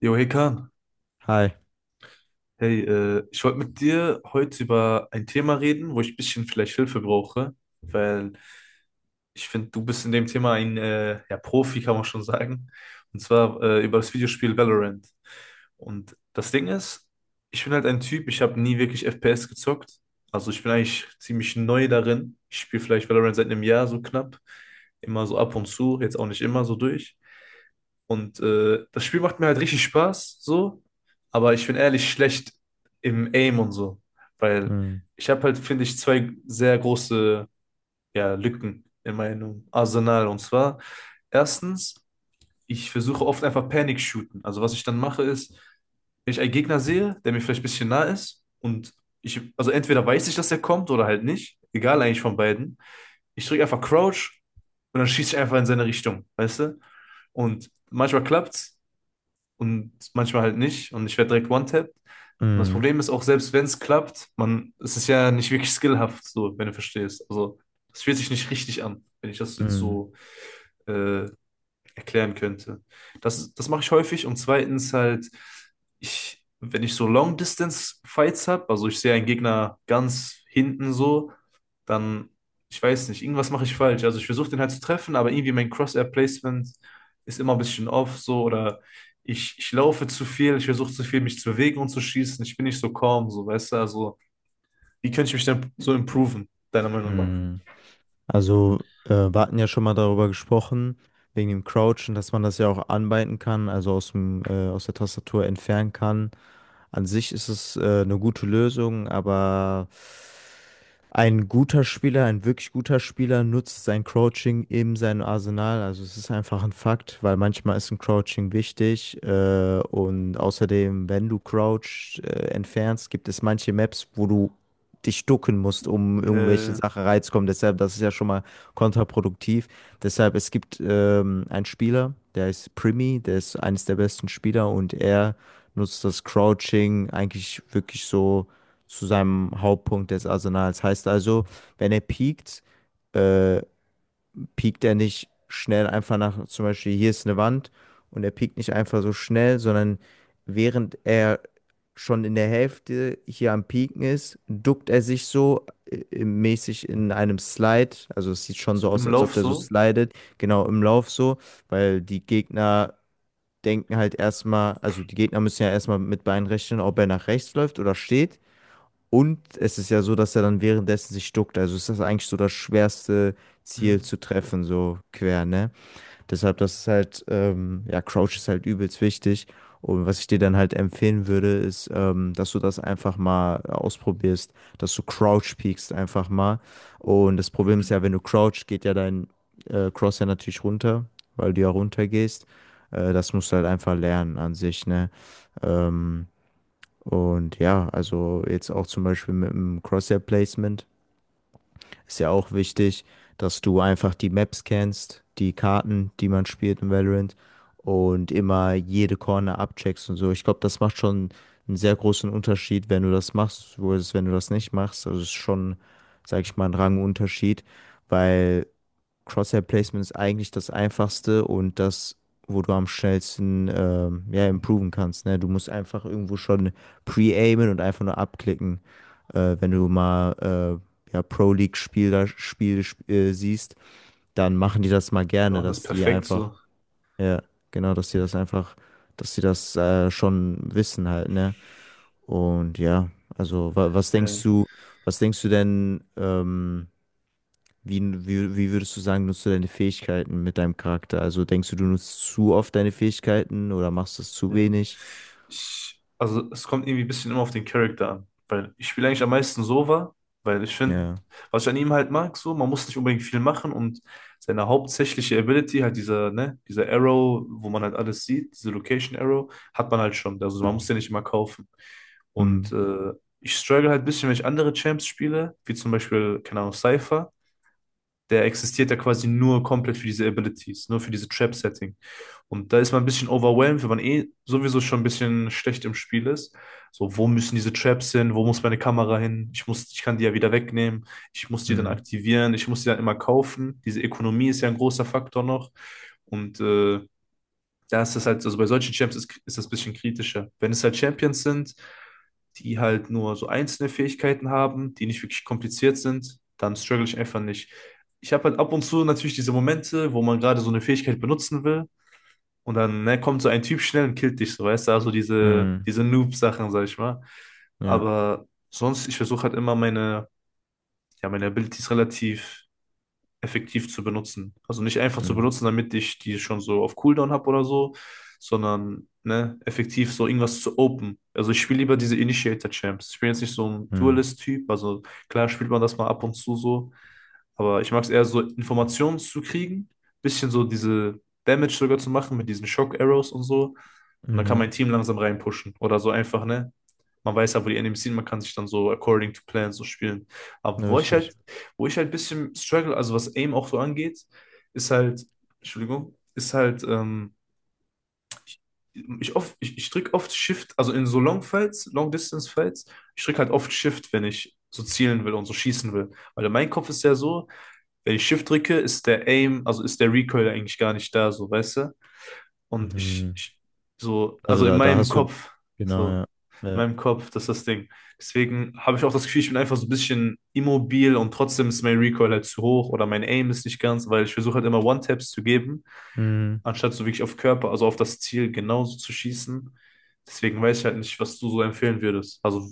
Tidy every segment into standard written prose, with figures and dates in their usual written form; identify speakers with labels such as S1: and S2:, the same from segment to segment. S1: Jo, hey Kahn.
S2: Hi.
S1: Hey, ich wollte mit dir heute über ein Thema reden, wo ich ein bisschen vielleicht Hilfe brauche, weil ich finde, du bist in dem Thema ein ja, Profi, kann man schon sagen. Und zwar über das Videospiel Valorant. Und das Ding ist, ich bin halt ein Typ, ich habe nie wirklich FPS gezockt. Also ich bin eigentlich ziemlich neu darin. Ich spiele vielleicht Valorant seit einem Jahr so knapp. Immer so ab und zu, jetzt auch nicht immer so durch. Und das Spiel macht mir halt richtig Spaß, so. Aber ich bin ehrlich schlecht im Aim und so. Weil
S2: Mhm.
S1: ich habe halt, finde ich, zwei sehr große ja, Lücken in meinem Arsenal. Und zwar, erstens, ich versuche oft einfach Panic shooten. Also was ich dann mache ist, wenn ich einen Gegner sehe, der mir vielleicht ein bisschen nah ist und ich, also entweder weiß ich, dass er kommt oder halt nicht, egal eigentlich von beiden. Ich drücke einfach Crouch und dann schieße ich einfach in seine Richtung, weißt du? Und manchmal klappt's, und manchmal halt nicht. Und ich werde direkt one-tapped. Und das
S2: Mhm.
S1: Problem ist auch, selbst wenn es klappt, man, es ist ja nicht wirklich skillhaft, so, wenn du verstehst. Also, es fühlt sich nicht richtig an, wenn ich das jetzt
S2: Mhm.
S1: so äh, erklären könnte. Das mache ich häufig. Und zweitens halt, ich, wenn ich so Long-Distance-Fights habe, also ich sehe einen Gegner ganz hinten so dann, ich weiß nicht, irgendwas mache ich falsch. Also ich versuche den halt zu treffen, aber irgendwie mein cross placement ist immer ein bisschen off so oder ich laufe zu viel, ich versuche zu viel, mich zu bewegen und zu schießen. Ich bin nicht so calm, so, weißt du? Also, wie könnte ich mich denn so improven, deiner Meinung nach?
S2: Mhm. Also, wir hatten ja schon mal darüber gesprochen, wegen dem Crouchen, dass man das ja auch anbinden kann, also aus dem, aus der Tastatur entfernen kann. An sich ist es, eine gute Lösung, aber ein guter Spieler, ein wirklich guter Spieler nutzt sein Crouching in seinem Arsenal. Also es ist einfach ein Fakt, weil manchmal ist ein Crouching wichtig. Und außerdem, wenn du Crouch entfernst, gibt es manche Maps, wo du dich ducken musst, um irgendwelche
S1: Äh,
S2: Sachen reinzukommen. Deshalb, das ist ja schon mal kontraproduktiv. Deshalb, es gibt einen Spieler, der ist Primi, der ist eines der besten Spieler und er nutzt das Crouching eigentlich wirklich so zu seinem Hauptpunkt des Arsenals. Heißt also, wenn er piekt, äh, piekt er nicht schnell einfach nach, zum Beispiel hier ist eine Wand und er piekt nicht einfach so schnell, sondern während er schon in der Hälfte hier am Pieken ist, duckt er sich so mäßig in einem Slide. Also es sieht schon
S1: so
S2: so aus,
S1: im
S2: als ob
S1: Lauf
S2: der so
S1: so?
S2: slidet, genau im Lauf so, weil die Gegner denken halt erstmal, also die Gegner müssen ja erstmal mit Bein rechnen, ob er nach rechts läuft oder steht. Und es ist ja so, dass er dann währenddessen sich duckt. Also ist das eigentlich so das schwerste Ziel
S1: Mhm.
S2: zu treffen, so quer, ne? Deshalb, das ist halt, ja, Crouch ist halt übelst wichtig. Und was ich dir dann halt empfehlen würde, ist, dass du das einfach mal ausprobierst, dass du Crouch peekst einfach mal. Und das Problem ist ja, wenn du Crouch, geht ja dein Cross ja natürlich runter, weil du ja runter gehst. Das musst du halt einfach lernen an sich, ne? Ähm, und ja, also jetzt auch zum Beispiel mit dem Crosshair-Placement ist ja auch wichtig, dass du einfach die Maps kennst, die Karten, die man spielt in Valorant und immer jede Corner abcheckst und so. Ich glaube, das macht schon einen sehr großen Unterschied, wenn du das machst, wo es, wenn du das nicht machst. Also es ist schon, sag ich mal, ein Rangunterschied, weil Crosshair-Placement ist eigentlich das Einfachste und das, wo du am schnellsten ja, improven kannst. Ne? Du musst einfach irgendwo schon pre-aimen und einfach nur abklicken. Wenn du mal ja, Pro-League-Spieler Spiele siehst, dann machen die das mal
S1: Wir
S2: gerne,
S1: machen das
S2: dass die
S1: perfekt
S2: einfach,
S1: so.
S2: ja, genau, dass die das einfach, dass die das schon wissen halt, ne? Und ja, also wa
S1: Ja.
S2: was denkst du denn, wie, wie würdest du sagen, nutzt du deine Fähigkeiten mit deinem Charakter? Also denkst du, du nutzt zu oft deine Fähigkeiten oder machst es zu
S1: Hm.
S2: wenig?
S1: Ich, also es kommt irgendwie ein bisschen immer auf den Charakter an. Weil ich spiele eigentlich am meisten Sova, weil ich finde,
S2: Ja.
S1: was ich an ihm halt mag, so, man muss nicht unbedingt viel machen und seine hauptsächliche Ability, halt dieser, ne, dieser Arrow, wo man halt alles sieht, diese Location Arrow, hat man halt schon. Also man muss den nicht immer kaufen. Und
S2: Hm.
S1: ich struggle halt ein bisschen, wenn ich andere Champs spiele, wie zum Beispiel, keine Ahnung, Cypher. Der existiert ja quasi nur komplett für diese Abilities, nur für diese Trap-Setting. Und da ist man ein bisschen overwhelmed, wenn man eh sowieso schon ein bisschen schlecht im Spiel ist. So, wo müssen diese Traps hin? Wo muss meine Kamera hin? Ich muss, ich kann die ja wieder wegnehmen. Ich muss die dann
S2: Hm.
S1: aktivieren. Ich muss die dann immer kaufen. Diese Ökonomie ist ja ein großer Faktor noch. Und da ist das halt, also bei solchen Champs ist das ein bisschen kritischer. Wenn es halt Champions sind, die halt nur so einzelne Fähigkeiten haben, die nicht wirklich kompliziert sind, dann struggle ich einfach nicht. Ich habe halt ab und zu natürlich diese Momente, wo man gerade so eine Fähigkeit benutzen will und dann, ne, kommt so ein Typ schnell und killt dich, so, weißt du, also diese,
S2: Hm.
S1: diese Noob-Sachen, sag ich mal.
S2: Ja.
S1: Aber sonst, ich versuche halt immer meine, ja, meine Abilities relativ effektiv zu benutzen. Also nicht einfach zu
S2: Hm.
S1: benutzen, damit ich die schon so auf Cooldown habe oder so, sondern ne, effektiv so irgendwas zu open. Also ich spiele lieber diese Initiator-Champs. Ich bin jetzt nicht so ein
S2: Hm.
S1: Duelist-Typ, also klar spielt man das mal ab und zu so, aber ich mag es eher so, Informationen zu kriegen, bisschen so diese Damage sogar zu machen mit diesen Shock-Arrows und so. Und dann kann mein
S2: Mhm.
S1: Team langsam reinpushen. Oder so einfach, ne? Man weiß ja, wo die Enemies sind, man kann sich dann so according to plan so spielen. Aber wo ich halt
S2: Richtig.
S1: wo ich halt ein bisschen struggle, also was Aim auch so angeht, ist halt, Entschuldigung, ist halt, ich, oft, ich drück oft Shift, also in so Long-Fights, Long-Distance-Fights, ich drück halt oft Shift, wenn ich so zielen will und so schießen will. Weil in meinem Kopf ist ja so, wenn ich Shift drücke, ist der Aim, also ist der Recoil eigentlich gar nicht da, so, weißt du? Und ich,
S2: Mhm.
S1: ich so,
S2: Also
S1: also in
S2: da
S1: meinem
S2: hast du,
S1: Kopf,
S2: genau,
S1: so,
S2: ja.
S1: in
S2: Ja.
S1: meinem Kopf, das ist das Ding. Deswegen habe ich auch das Gefühl, ich bin einfach so ein bisschen immobil und trotzdem ist mein Recoil halt zu hoch oder mein Aim ist nicht ganz, weil ich versuche halt immer One-Taps zu geben,
S2: Hm.
S1: anstatt so wirklich auf Körper, also auf das Ziel genauso zu schießen. Deswegen weiß ich halt nicht, was du so empfehlen würdest. Also,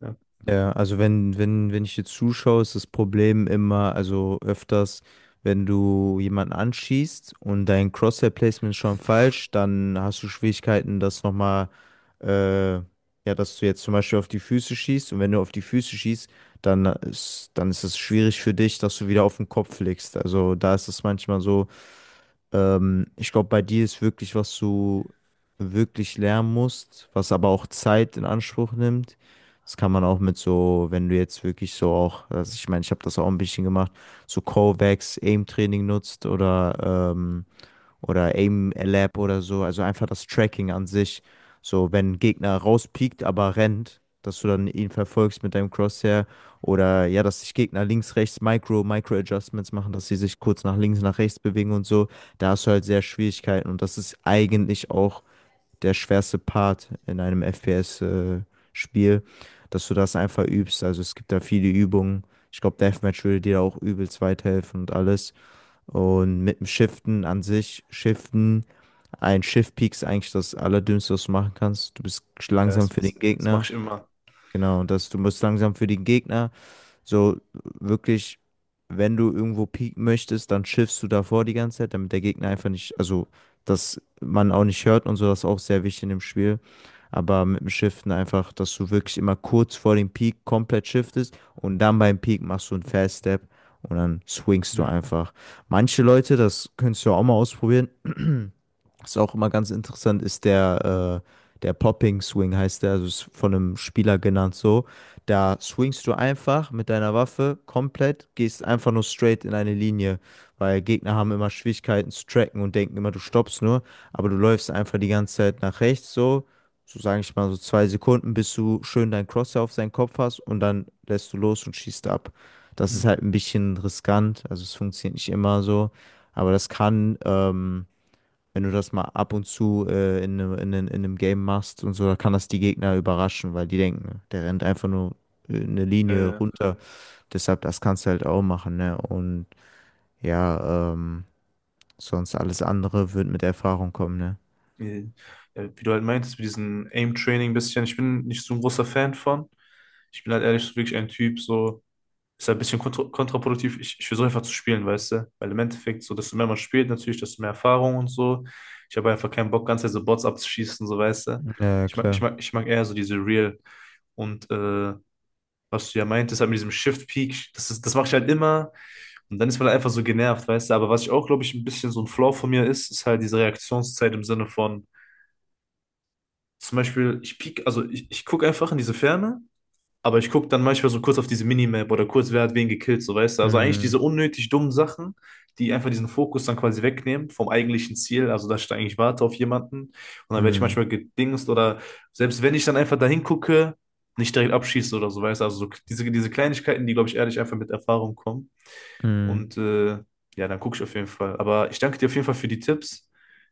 S1: ja,
S2: Ja, also wenn, wenn ich dir zuschaue, ist das Problem immer, also öfters, wenn du jemanden anschießt und dein Crosshair-Placement ist schon falsch, dann hast du Schwierigkeiten, das nochmal, ja, dass du jetzt zum Beispiel auf die Füße schießt und wenn du auf die Füße schießt, dann ist es schwierig für dich, dass du wieder auf den Kopf legst. Also da ist es manchmal so, ich glaube, bei dir ist wirklich, was du wirklich lernen musst, was aber auch Zeit in Anspruch nimmt. Das kann man auch mit so, wenn du jetzt wirklich so auch, also ich meine, ich habe das auch ein bisschen gemacht, so Kovacs, Aim-Training nutzt oder Aim Lab oder so. Also einfach das Tracking an sich. So, wenn ein Gegner rauspiekt, aber rennt, dass du dann ihn verfolgst mit deinem Crosshair. Oder ja, dass sich Gegner links, rechts Micro, Micro-Adjustments machen, dass sie sich kurz nach links, nach rechts bewegen und so. Da hast du halt sehr Schwierigkeiten. Und das ist eigentlich auch der schwerste Part in einem FPS-Spiel, dass du das einfach übst. Also es gibt da viele Übungen. Ich glaube, Deathmatch würde dir da auch übelst weiterhelfen und alles. Und mit dem Shiften an sich, Shiften, ein Shift-Peak ist eigentlich das Allerdümmste, was du machen kannst. Du bist
S1: ja
S2: langsam
S1: das,
S2: für den
S1: das mache
S2: Gegner.
S1: ich immer.
S2: Genau, und das, du bist langsam für den Gegner. So wirklich, wenn du irgendwo peaken möchtest, dann shiftst du davor die ganze Zeit, damit der Gegner einfach nicht, also dass man auch nicht hört und so, das ist auch sehr wichtig in dem Spiel, aber mit dem Shiften einfach, dass du wirklich immer kurz vor dem Peak komplett shiftest und dann beim Peak machst du einen Fast Step und dann swingst du
S1: Hm.
S2: einfach. Manche Leute, das könntest du ja auch mal ausprobieren, was auch immer ganz interessant ist, der, der Popping Swing heißt der, also ist von einem Spieler genannt so. Da swingst du einfach mit deiner Waffe komplett, gehst einfach nur straight in eine Linie, weil Gegner haben immer Schwierigkeiten zu tracken und denken immer, du stoppst nur, aber du läufst einfach die ganze Zeit nach rechts so, so sage ich mal so 2 Sekunden, bis du schön dein Crosshair auf seinen Kopf hast und dann lässt du los und schießt ab. Das
S1: Hm.
S2: ist halt ein bisschen riskant, also es funktioniert nicht immer so, aber das kann, wenn du das mal ab und zu in einem, in einem Game machst und so, da kann das die Gegner überraschen, weil die denken, ne, der rennt einfach nur eine
S1: Ja,
S2: Linie
S1: ja.
S2: runter. Deshalb, das kannst du halt auch machen, ne? Und ja, sonst alles andere wird mit Erfahrung kommen, ne?
S1: äh, wie du halt meintest, mit diesem Aim-Training ein bisschen, ich bin nicht so ein großer Fan von. Ich bin halt ehrlich so wirklich ein Typ, so ist halt ein bisschen kontraproduktiv. Ich versuche einfach zu spielen, weißt du? Weil im Endeffekt, so desto mehr man spielt, natürlich, desto mehr Erfahrung und so. Ich habe einfach keinen Bock, ganz so Bots abzuschießen, so weißt du?
S2: Ja,
S1: Ich mag, ich
S2: klar.
S1: mag, ich mag eher so diese Real. Und was du ja meintest, halt mit diesem Shift-Peak, das ist, das mache ich halt immer. Und dann ist man halt einfach so genervt, weißt du? Aber was ich auch, glaube ich, ein bisschen so ein Flaw von mir ist, ist halt diese Reaktionszeit im Sinne von. Zum Beispiel, ich piek, also ich gucke einfach in diese Ferne, aber ich gucke dann manchmal so kurz auf diese Minimap oder kurz, wer hat wen gekillt, so weißt du. Also eigentlich
S2: Hm,
S1: diese unnötig dummen Sachen, die einfach diesen Fokus dann quasi wegnehmen vom eigentlichen Ziel. Also, dass ich da eigentlich warte auf jemanden und dann werde ich
S2: hm,
S1: manchmal gedingst oder selbst wenn ich dann einfach da hingucke, nicht direkt abschieße oder so, weißt du. Also so diese, diese Kleinigkeiten, die, glaube ich, ehrlich einfach mit Erfahrung kommen.
S2: hm.
S1: Und ja, dann gucke ich auf jeden Fall. Aber ich danke dir auf jeden Fall für die Tipps.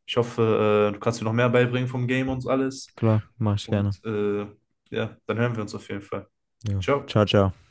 S1: Ich hoffe, du kannst mir noch mehr beibringen vom Game und alles.
S2: Klar, mach ich gerne.
S1: Und ja, dann hören wir uns auf jeden Fall.
S2: Ja.
S1: Ciao.
S2: Ciao, ciao.